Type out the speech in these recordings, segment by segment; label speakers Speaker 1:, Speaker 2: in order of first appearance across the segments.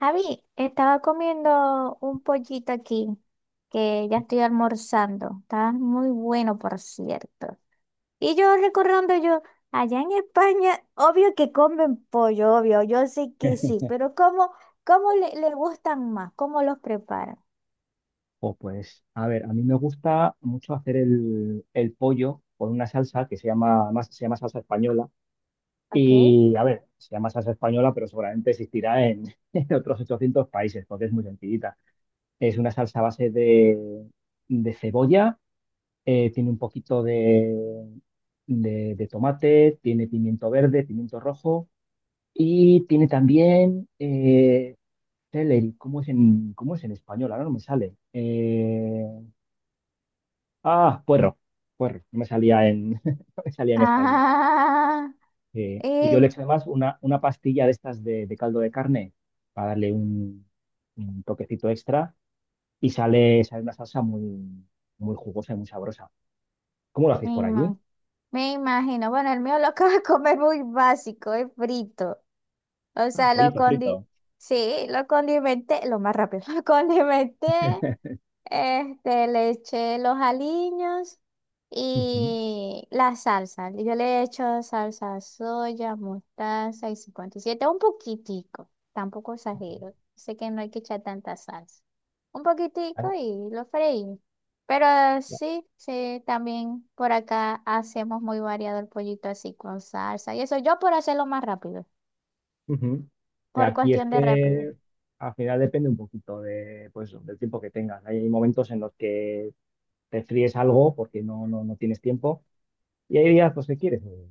Speaker 1: Javi, estaba comiendo un pollito aquí, que ya estoy almorzando. Está muy bueno, por cierto. Y yo recordando yo, allá en España, obvio que comen pollo, obvio, yo sé que sí, pero ¿cómo, cómo le gustan más? ¿Cómo los preparan?
Speaker 2: O pues, a ver, a mí me gusta mucho hacer el pollo con una salsa que se llama, además se llama salsa española.
Speaker 1: ¿Ok?
Speaker 2: Y, a ver, se llama salsa española, pero seguramente existirá en, en otros 800 países, porque es muy sencillita. Es una salsa a base de cebolla, tiene un poquito de tomate, tiene pimiento verde, pimiento rojo y tiene también celery. Cómo es en español? Ahora no me sale. Ah, puerro, puerro, no me salía en, no me salía en español.
Speaker 1: Ah,
Speaker 2: Y yo
Speaker 1: eh,
Speaker 2: le eché además una pastilla de estas de caldo de carne para darle un toquecito extra y sale una salsa muy, muy jugosa y muy sabrosa. ¿Cómo lo
Speaker 1: me
Speaker 2: hacéis por allí?
Speaker 1: ima- Me imagino. Bueno, el mío lo acabo de comer muy básico, es frito. O
Speaker 2: Ah,
Speaker 1: sea,
Speaker 2: pollito frito.
Speaker 1: sí, lo condimenté, lo más rápido, lo condimenté, este, le eché los aliños
Speaker 2: Ujú.
Speaker 1: y la salsa. Yo le he hecho salsa soya, mostaza y 57 un poquitico, tampoco exagero. Sé que no hay que echar tanta salsa. Un
Speaker 2: Ah,
Speaker 1: poquitico y lo freí. Pero
Speaker 2: ya.
Speaker 1: sí, sí, también por acá hacemos muy variado el pollito así con salsa. Y eso yo por hacerlo más rápido,
Speaker 2: Ujú. De
Speaker 1: por
Speaker 2: aquí es
Speaker 1: cuestión de rapidez.
Speaker 2: que al final depende un poquito pues, del tiempo que tengas. Hay momentos en los que te fríes algo porque no, no, no tienes tiempo y hay días pues, que quieres,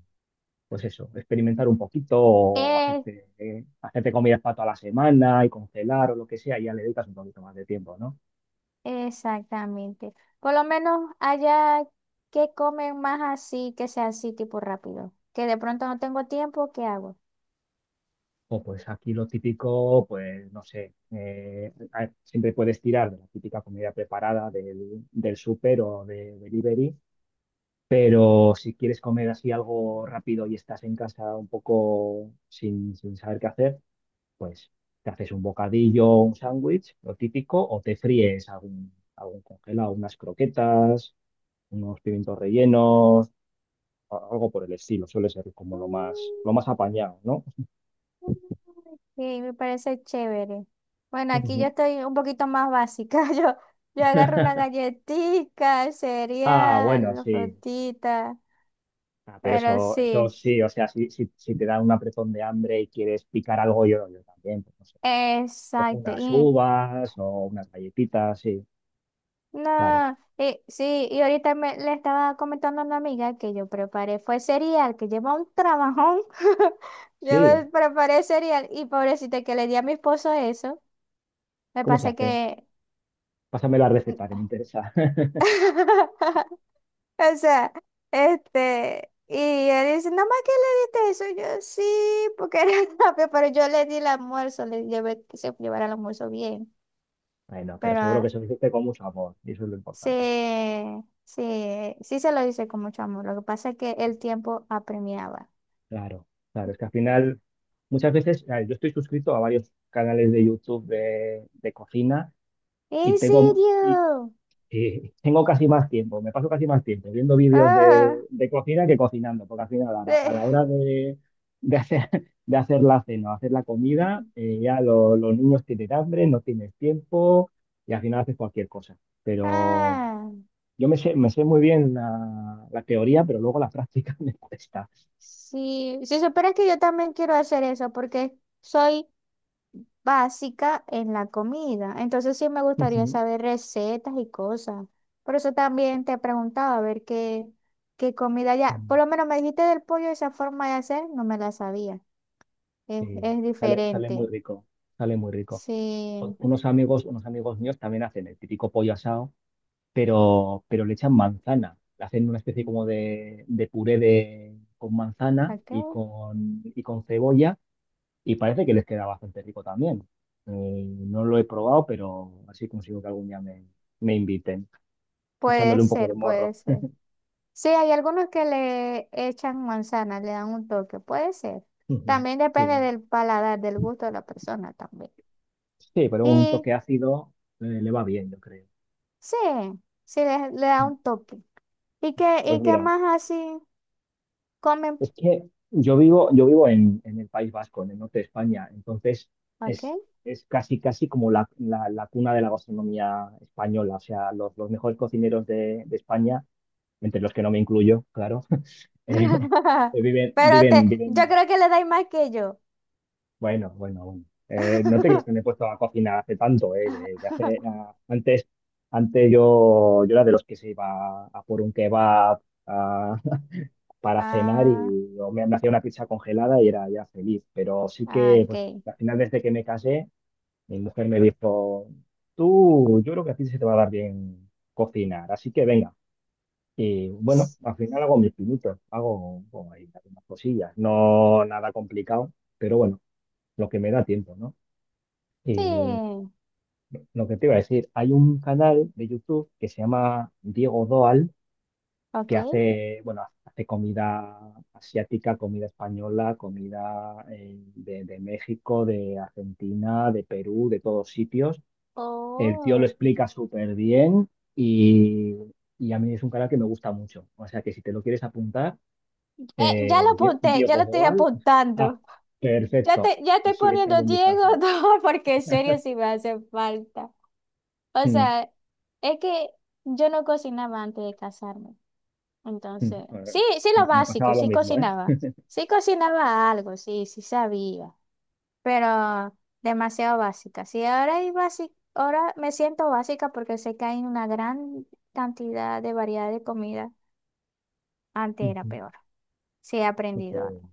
Speaker 2: pues eso, experimentar un poquito o
Speaker 1: Eh,
Speaker 2: hacerte comidas para toda la semana y congelar o lo que sea, y ya le dedicas un poquito más de tiempo, ¿no?
Speaker 1: Exactamente. Por lo menos allá que comen más así, que sea así tipo rápido. Que de pronto no tengo tiempo, ¿qué hago?
Speaker 2: O pues aquí lo típico, pues no sé, siempre puedes tirar de la típica comida preparada del súper o de delivery, pero si quieres comer así algo rápido y estás en casa un poco sin saber qué hacer, pues te haces un bocadillo, un sándwich, lo típico, o te fríes algún congelado, unas croquetas unos pimientos rellenos, algo por el estilo, suele ser como lo más apañado, ¿no?
Speaker 1: Mm, sí, me parece chévere. Bueno, aquí yo
Speaker 2: Ujú.
Speaker 1: estoy un poquito más básica. Yo agarro una galletita, el
Speaker 2: Ah, bueno,
Speaker 1: cereal, la
Speaker 2: sí.
Speaker 1: frutita,
Speaker 2: Ah, pero
Speaker 1: pero
Speaker 2: eso
Speaker 1: sí,
Speaker 2: sí, o sea, si, si, si te da un apretón de hambre y quieres picar algo, yo también, pues no sé. Cojo
Speaker 1: exacto.
Speaker 2: unas
Speaker 1: Y
Speaker 2: uvas o unas galletitas, sí, claro.
Speaker 1: no, sí, y ahorita me, le estaba comentando a una amiga que yo preparé, fue cereal, que lleva un trabajón. Yo me
Speaker 2: Sí,
Speaker 1: preparé cereal y pobrecita que le di a mi esposo eso. Me
Speaker 2: ¿cómo se
Speaker 1: pasa
Speaker 2: hace?
Speaker 1: que,
Speaker 2: Pásame la receta que me interesa.
Speaker 1: o sea, este, y él dice, nada más que le diste eso, yo sí, porque era rápido, pero yo le di el almuerzo, le llevé que se llevara el almuerzo bien,
Speaker 2: Bueno, pero
Speaker 1: pero
Speaker 2: seguro que se lo hiciste con mucho amor, y eso es lo
Speaker 1: sí,
Speaker 2: importante.
Speaker 1: sí, sí se lo hice con mucho amor. Lo que pasa es que el tiempo apremiaba.
Speaker 2: Claro, claro, es que al final, muchas veces, a ver, yo estoy suscrito a varios canales de YouTube de cocina y
Speaker 1: ¿En
Speaker 2: tengo, y,
Speaker 1: serio?
Speaker 2: eh, tengo casi más tiempo, me paso casi más tiempo viendo vídeos de,
Speaker 1: Ah,
Speaker 2: de cocina que cocinando, porque al final a la, a
Speaker 1: eh,
Speaker 2: la hora de hacer, de hacer la cena, hacer la comida, ya los niños tienen hambre, no tienes tiempo y al final haces cualquier cosa. Pero
Speaker 1: ah,
Speaker 2: yo me sé muy bien la teoría, pero luego la práctica me cuesta.
Speaker 1: sí. Si supieras que yo también quiero hacer eso porque soy básica en la comida. Entonces sí, me gustaría saber recetas y cosas. Por eso también te preguntaba a ver qué, qué comida ya. Por lo menos me dijiste del pollo, esa forma de hacer, no me la sabía.
Speaker 2: Eh,
Speaker 1: Es
Speaker 2: sale muy
Speaker 1: diferente.
Speaker 2: rico, sale muy rico.
Speaker 1: Sí.
Speaker 2: Unos amigos míos también hacen el típico pollo asado, pero le echan manzana. Le hacen una especie
Speaker 1: Ok,
Speaker 2: como de puré con manzana y con cebolla y parece que les queda bastante rico también. Eh, no lo he probado, pero así consigo que algún día me inviten,
Speaker 1: puede
Speaker 2: echándole un poco de
Speaker 1: ser,
Speaker 2: morro.
Speaker 1: puede ser. Sí, hay algunos que le echan manzana, le dan un toque, puede ser.
Speaker 2: Ujú.
Speaker 1: También depende
Speaker 2: Sí,
Speaker 1: del paladar, del gusto de la persona también.
Speaker 2: sí, pero un
Speaker 1: Y
Speaker 2: toque ácido, le va bien, yo creo.
Speaker 1: sí, sí le da un toque.
Speaker 2: Pues
Speaker 1: Y qué
Speaker 2: mira,
Speaker 1: más así comen?
Speaker 2: es que yo vivo en el País Vasco, en el norte de España, entonces
Speaker 1: Ok.
Speaker 2: es, es casi, casi como la cuna de la gastronomía española. O sea, los mejores cocineros de España, entre los que no me incluyo, claro, eh, viven,
Speaker 1: Pero te,
Speaker 2: viven,
Speaker 1: yo
Speaker 2: viven.
Speaker 1: creo que le dais más que yo.
Speaker 2: Bueno, bueno, bueno. No te crees que me he puesto a cocinar hace tanto, que ah, antes, antes yo era de los que se iba a por un kebab, para cenar
Speaker 1: Ah,
Speaker 2: y yo me hacía una pizza congelada y era ya feliz. Pero sí
Speaker 1: ah,
Speaker 2: que, pues
Speaker 1: ok.
Speaker 2: al final desde que me casé, mi mujer me dijo, tú, yo creo que a ti se te va a dar bien cocinar, así que venga. Y bueno, al final hago mis pinitos, hago bueno, ahí algunas cosillas, no nada complicado, pero bueno, lo que me da tiempo, ¿no? Y
Speaker 1: Sí,
Speaker 2: lo que te iba a decir, hay un canal de YouTube que se llama Diego Doal que
Speaker 1: ok.
Speaker 2: hace, bueno, hace comida asiática, comida española, comida, de México, de Argentina, de Perú, de todos sitios. El tío lo
Speaker 1: Oh.
Speaker 2: explica súper bien y, y a mí es un canal que me gusta mucho. O sea que si te lo quieres apuntar,
Speaker 1: Ya lo apunté, ya
Speaker 2: Diego
Speaker 1: lo estoy
Speaker 2: Boal, ah,
Speaker 1: apuntando. Ya
Speaker 2: perfecto.
Speaker 1: te, ya estoy
Speaker 2: Pues sí, échale
Speaker 1: poniendo
Speaker 2: un
Speaker 1: Diego
Speaker 2: vistazo.
Speaker 1: no, porque en serio sí me hace falta. O
Speaker 2: Mm,
Speaker 1: sea, es que yo no cocinaba antes de casarme.
Speaker 2: mm.
Speaker 1: Entonces, sí,
Speaker 2: Eh,
Speaker 1: sí lo
Speaker 2: me
Speaker 1: básico,
Speaker 2: pasaba lo
Speaker 1: sí
Speaker 2: mismo, ¿eh?
Speaker 1: cocinaba. Sí cocinaba algo, sí, sí sabía. Pero demasiado básica. Sí, ahora hay básica, ahora me siento básica porque sé que hay una gran cantidad de variedad de comida. Antes era
Speaker 2: Ujú.
Speaker 1: peor. Sí, he
Speaker 2: No
Speaker 1: aprendido
Speaker 2: puede.
Speaker 1: algo.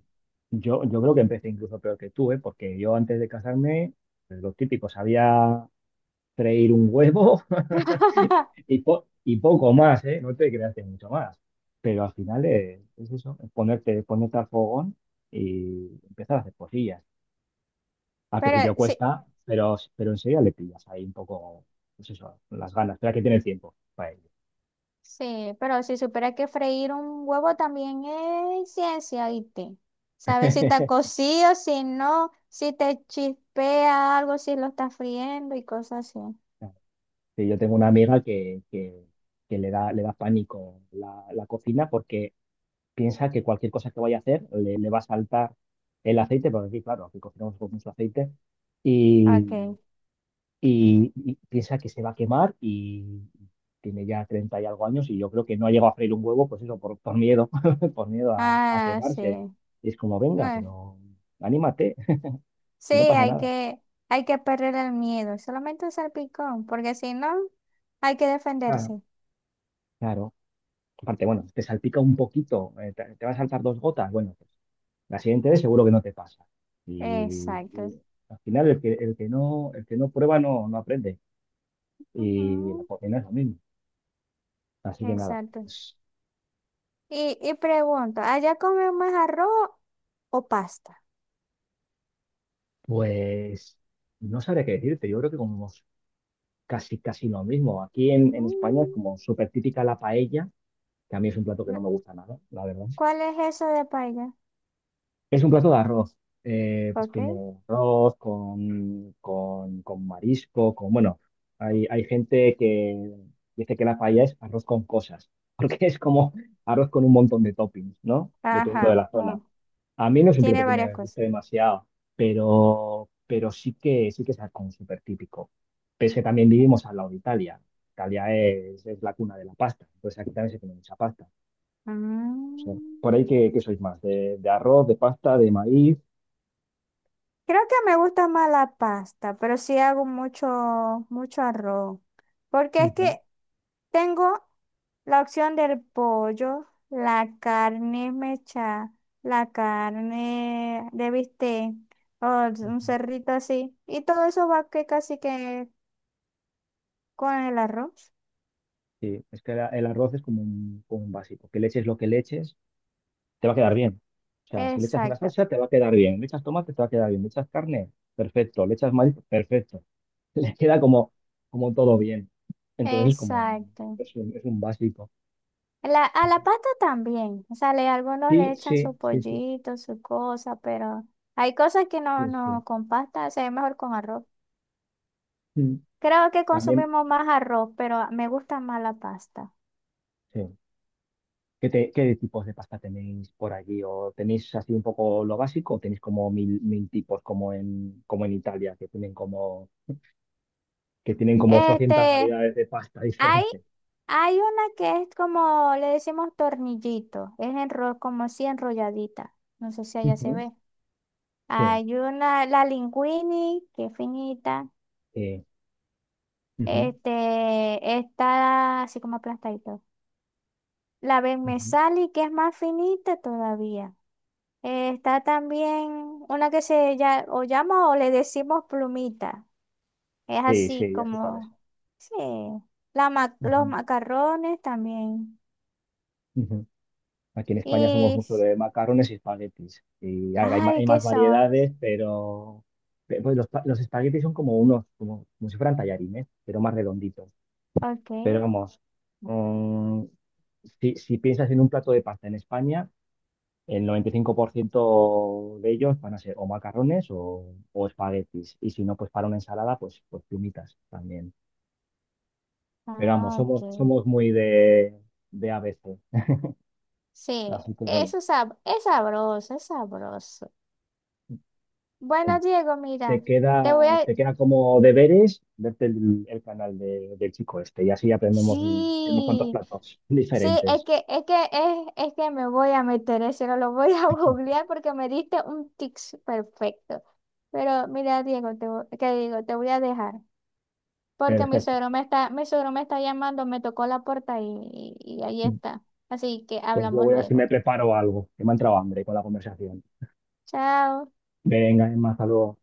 Speaker 2: Yo creo que empecé incluso peor que tú, ¿eh? Porque yo antes de casarme, pues, lo típico, sabía freír un huevo y poco más, ¿eh? No te creas que mucho más. Pero al final, eso, es ponerte al fogón y empezar a hacer cosillas. Al principio
Speaker 1: Pero sí,
Speaker 2: cuesta, pero enseguida le pillas ahí un poco, pues eso, las ganas. Espera que tiene tiempo para ello.
Speaker 1: sí, pero si supiera que freír un huevo también es ciencia, ¿viste? Sabes si está cocido, si no, si te chispea algo, si lo está friendo y cosas así.
Speaker 2: Sí, yo tengo una amiga que le da pánico la cocina porque piensa que cualquier cosa que vaya a hacer le va a saltar el aceite, porque aquí, claro, aquí cocinamos con mucho aceite, y,
Speaker 1: Ok.
Speaker 2: y piensa que se va a quemar y tiene ya 30 y algo años y yo creo que no ha llegado a freír un huevo, pues eso, por miedo, por miedo a
Speaker 1: Ah, sí.
Speaker 2: quemarse. Y es como,
Speaker 1: No,
Speaker 2: venga,
Speaker 1: es-
Speaker 2: pero anímate,
Speaker 1: sí,
Speaker 2: y no pasa nada.
Speaker 1: hay que perder el miedo, solamente un salpicón, porque si no, hay que
Speaker 2: Claro.
Speaker 1: defenderse.
Speaker 2: Claro. Aparte, bueno, te salpica un poquito, te va a saltar dos gotas, bueno, pues la siguiente vez seguro que no te pasa. Y,
Speaker 1: Exacto.
Speaker 2: y al final el que no prueba no, no aprende. Y la
Speaker 1: Ujú,
Speaker 2: cocina es lo mismo. Así que nada,
Speaker 1: exacto.
Speaker 2: pues,
Speaker 1: Y pregunto, ¿allá comen más arroz o pasta?
Speaker 2: pues no sabré qué decirte. Yo creo que como casi, casi lo mismo. Aquí en España es como súper típica la paella, que a mí es un plato que
Speaker 1: Mm,
Speaker 2: no me gusta nada, la verdad.
Speaker 1: ¿cuál es eso de paella?
Speaker 2: Es un plato de arroz, pues
Speaker 1: Ok.
Speaker 2: tiene arroz con marisco, bueno, hay gente que dice que la paella es arroz con cosas, porque es como arroz con un montón de toppings, ¿no? Dependiendo de
Speaker 1: Ajá,
Speaker 2: la zona.
Speaker 1: oh,
Speaker 2: A mí no es un plato
Speaker 1: tiene
Speaker 2: que
Speaker 1: varias
Speaker 2: me
Speaker 1: cosas.
Speaker 2: guste demasiado, pero sí que es algo súper típico. Pese que también vivimos al lado de Italia. Italia es la cuna de la pasta, entonces aquí también se tiene mucha pasta. O
Speaker 1: Mm,
Speaker 2: por ahí que sois más, de arroz, de pasta, de maíz.
Speaker 1: creo que me gusta más la pasta, pero sí hago mucho, mucho arroz. Porque es
Speaker 2: Ujú,
Speaker 1: que tengo la opción del pollo, la carne mecha, la carne de bistec, o un
Speaker 2: ujú.
Speaker 1: cerrito así. Y todo eso va que casi que con el arroz.
Speaker 2: Sí, es que el arroz es como un, básico. Que le eches lo que le eches, te va a quedar bien. O sea, si le echas una
Speaker 1: Exacto,
Speaker 2: salsa, te va a quedar bien. Le echas tomate, te va a quedar bien. Le echas carne, perfecto. Le echas maíz, perfecto. Le queda como todo bien. Entonces es como un-
Speaker 1: exacto.
Speaker 2: es un, es un básico.
Speaker 1: La, a
Speaker 2: Ujú.
Speaker 1: la pasta también, o sea, le- algunos le
Speaker 2: Sí,
Speaker 1: echan
Speaker 2: sí,
Speaker 1: su
Speaker 2: sí, sí,
Speaker 1: pollito, su cosa, pero hay cosas que no,
Speaker 2: sí, sí.
Speaker 1: no con pasta, se ve mejor con arroz.
Speaker 2: Mm.
Speaker 1: Creo que
Speaker 2: También,
Speaker 1: consumimos más arroz, pero me gusta más la pasta.
Speaker 2: sí. Qué tipos de pasta tenéis por allí? ¿O tenéis así un poco lo básico? ¿O tenéis como mil tipos como en Italia, que tienen como 800
Speaker 1: Este,
Speaker 2: variedades de pasta
Speaker 1: hay,
Speaker 2: diferentes?
Speaker 1: hay una que es como, le decimos tornillito, es enro- como así enrolladita, no sé si allá se
Speaker 2: Ujú.
Speaker 1: ve.
Speaker 2: Sí,
Speaker 1: Hay una, la linguini, que es finita,
Speaker 2: sí, ujú,
Speaker 1: este, está así como aplastadito. La Ben me
Speaker 2: ujú,
Speaker 1: que es más finita todavía. Está también una que se ya, o llama o le decimos plumita. Es
Speaker 2: sí,
Speaker 1: así
Speaker 2: sí, ya sé cuál es.
Speaker 1: como, sí, la ma- los
Speaker 2: Ujú,
Speaker 1: macarrones también.
Speaker 2: ujú. Aquí en España somos
Speaker 1: Y,
Speaker 2: mucho de macarrones y espaguetis. Y a ver,
Speaker 1: ay,
Speaker 2: hay
Speaker 1: ¿qué
Speaker 2: más
Speaker 1: son?
Speaker 2: variedades, pero pues los espaguetis son como unos, como si fueran tallarines, ¿eh?, pero más redonditos.
Speaker 1: Ok,
Speaker 2: Pero vamos, mm, si, si piensas en un plato de pasta en España, el 95% de ellos van a ser o macarrones o espaguetis. Y si no, pues para una ensalada, pues, pues plumitas también. Pero vamos,
Speaker 1: ah, ok.
Speaker 2: somos muy de A B C.
Speaker 1: Sí,
Speaker 2: Así que bueno,
Speaker 1: eso es, sab- es sabroso, es sabroso.
Speaker 2: pues,
Speaker 1: Bueno, Diego, mira,
Speaker 2: te
Speaker 1: te
Speaker 2: queda,
Speaker 1: voy a...
Speaker 2: te queda como deberes verte el canal del chico este. Y así aprendemos unos cuantos
Speaker 1: Sí.
Speaker 2: platos
Speaker 1: Sí, es
Speaker 2: diferentes.
Speaker 1: que, es que, es que me voy a meter eso, no lo voy a googlear porque me diste un tics perfecto. Pero mira, Diego, te, vo- ¿qué digo? Te voy a dejar. Porque mi
Speaker 2: Perfecto.
Speaker 1: suegro me está, mi suegro me está llamando, me tocó la puerta y ahí está. Así que
Speaker 2: Pues yo
Speaker 1: hablamos
Speaker 2: voy a ver si me
Speaker 1: luego.
Speaker 2: preparo algo, que me ha entrado hambre con la conversación.
Speaker 1: Chao.
Speaker 2: Venga, Emma, hasta luego.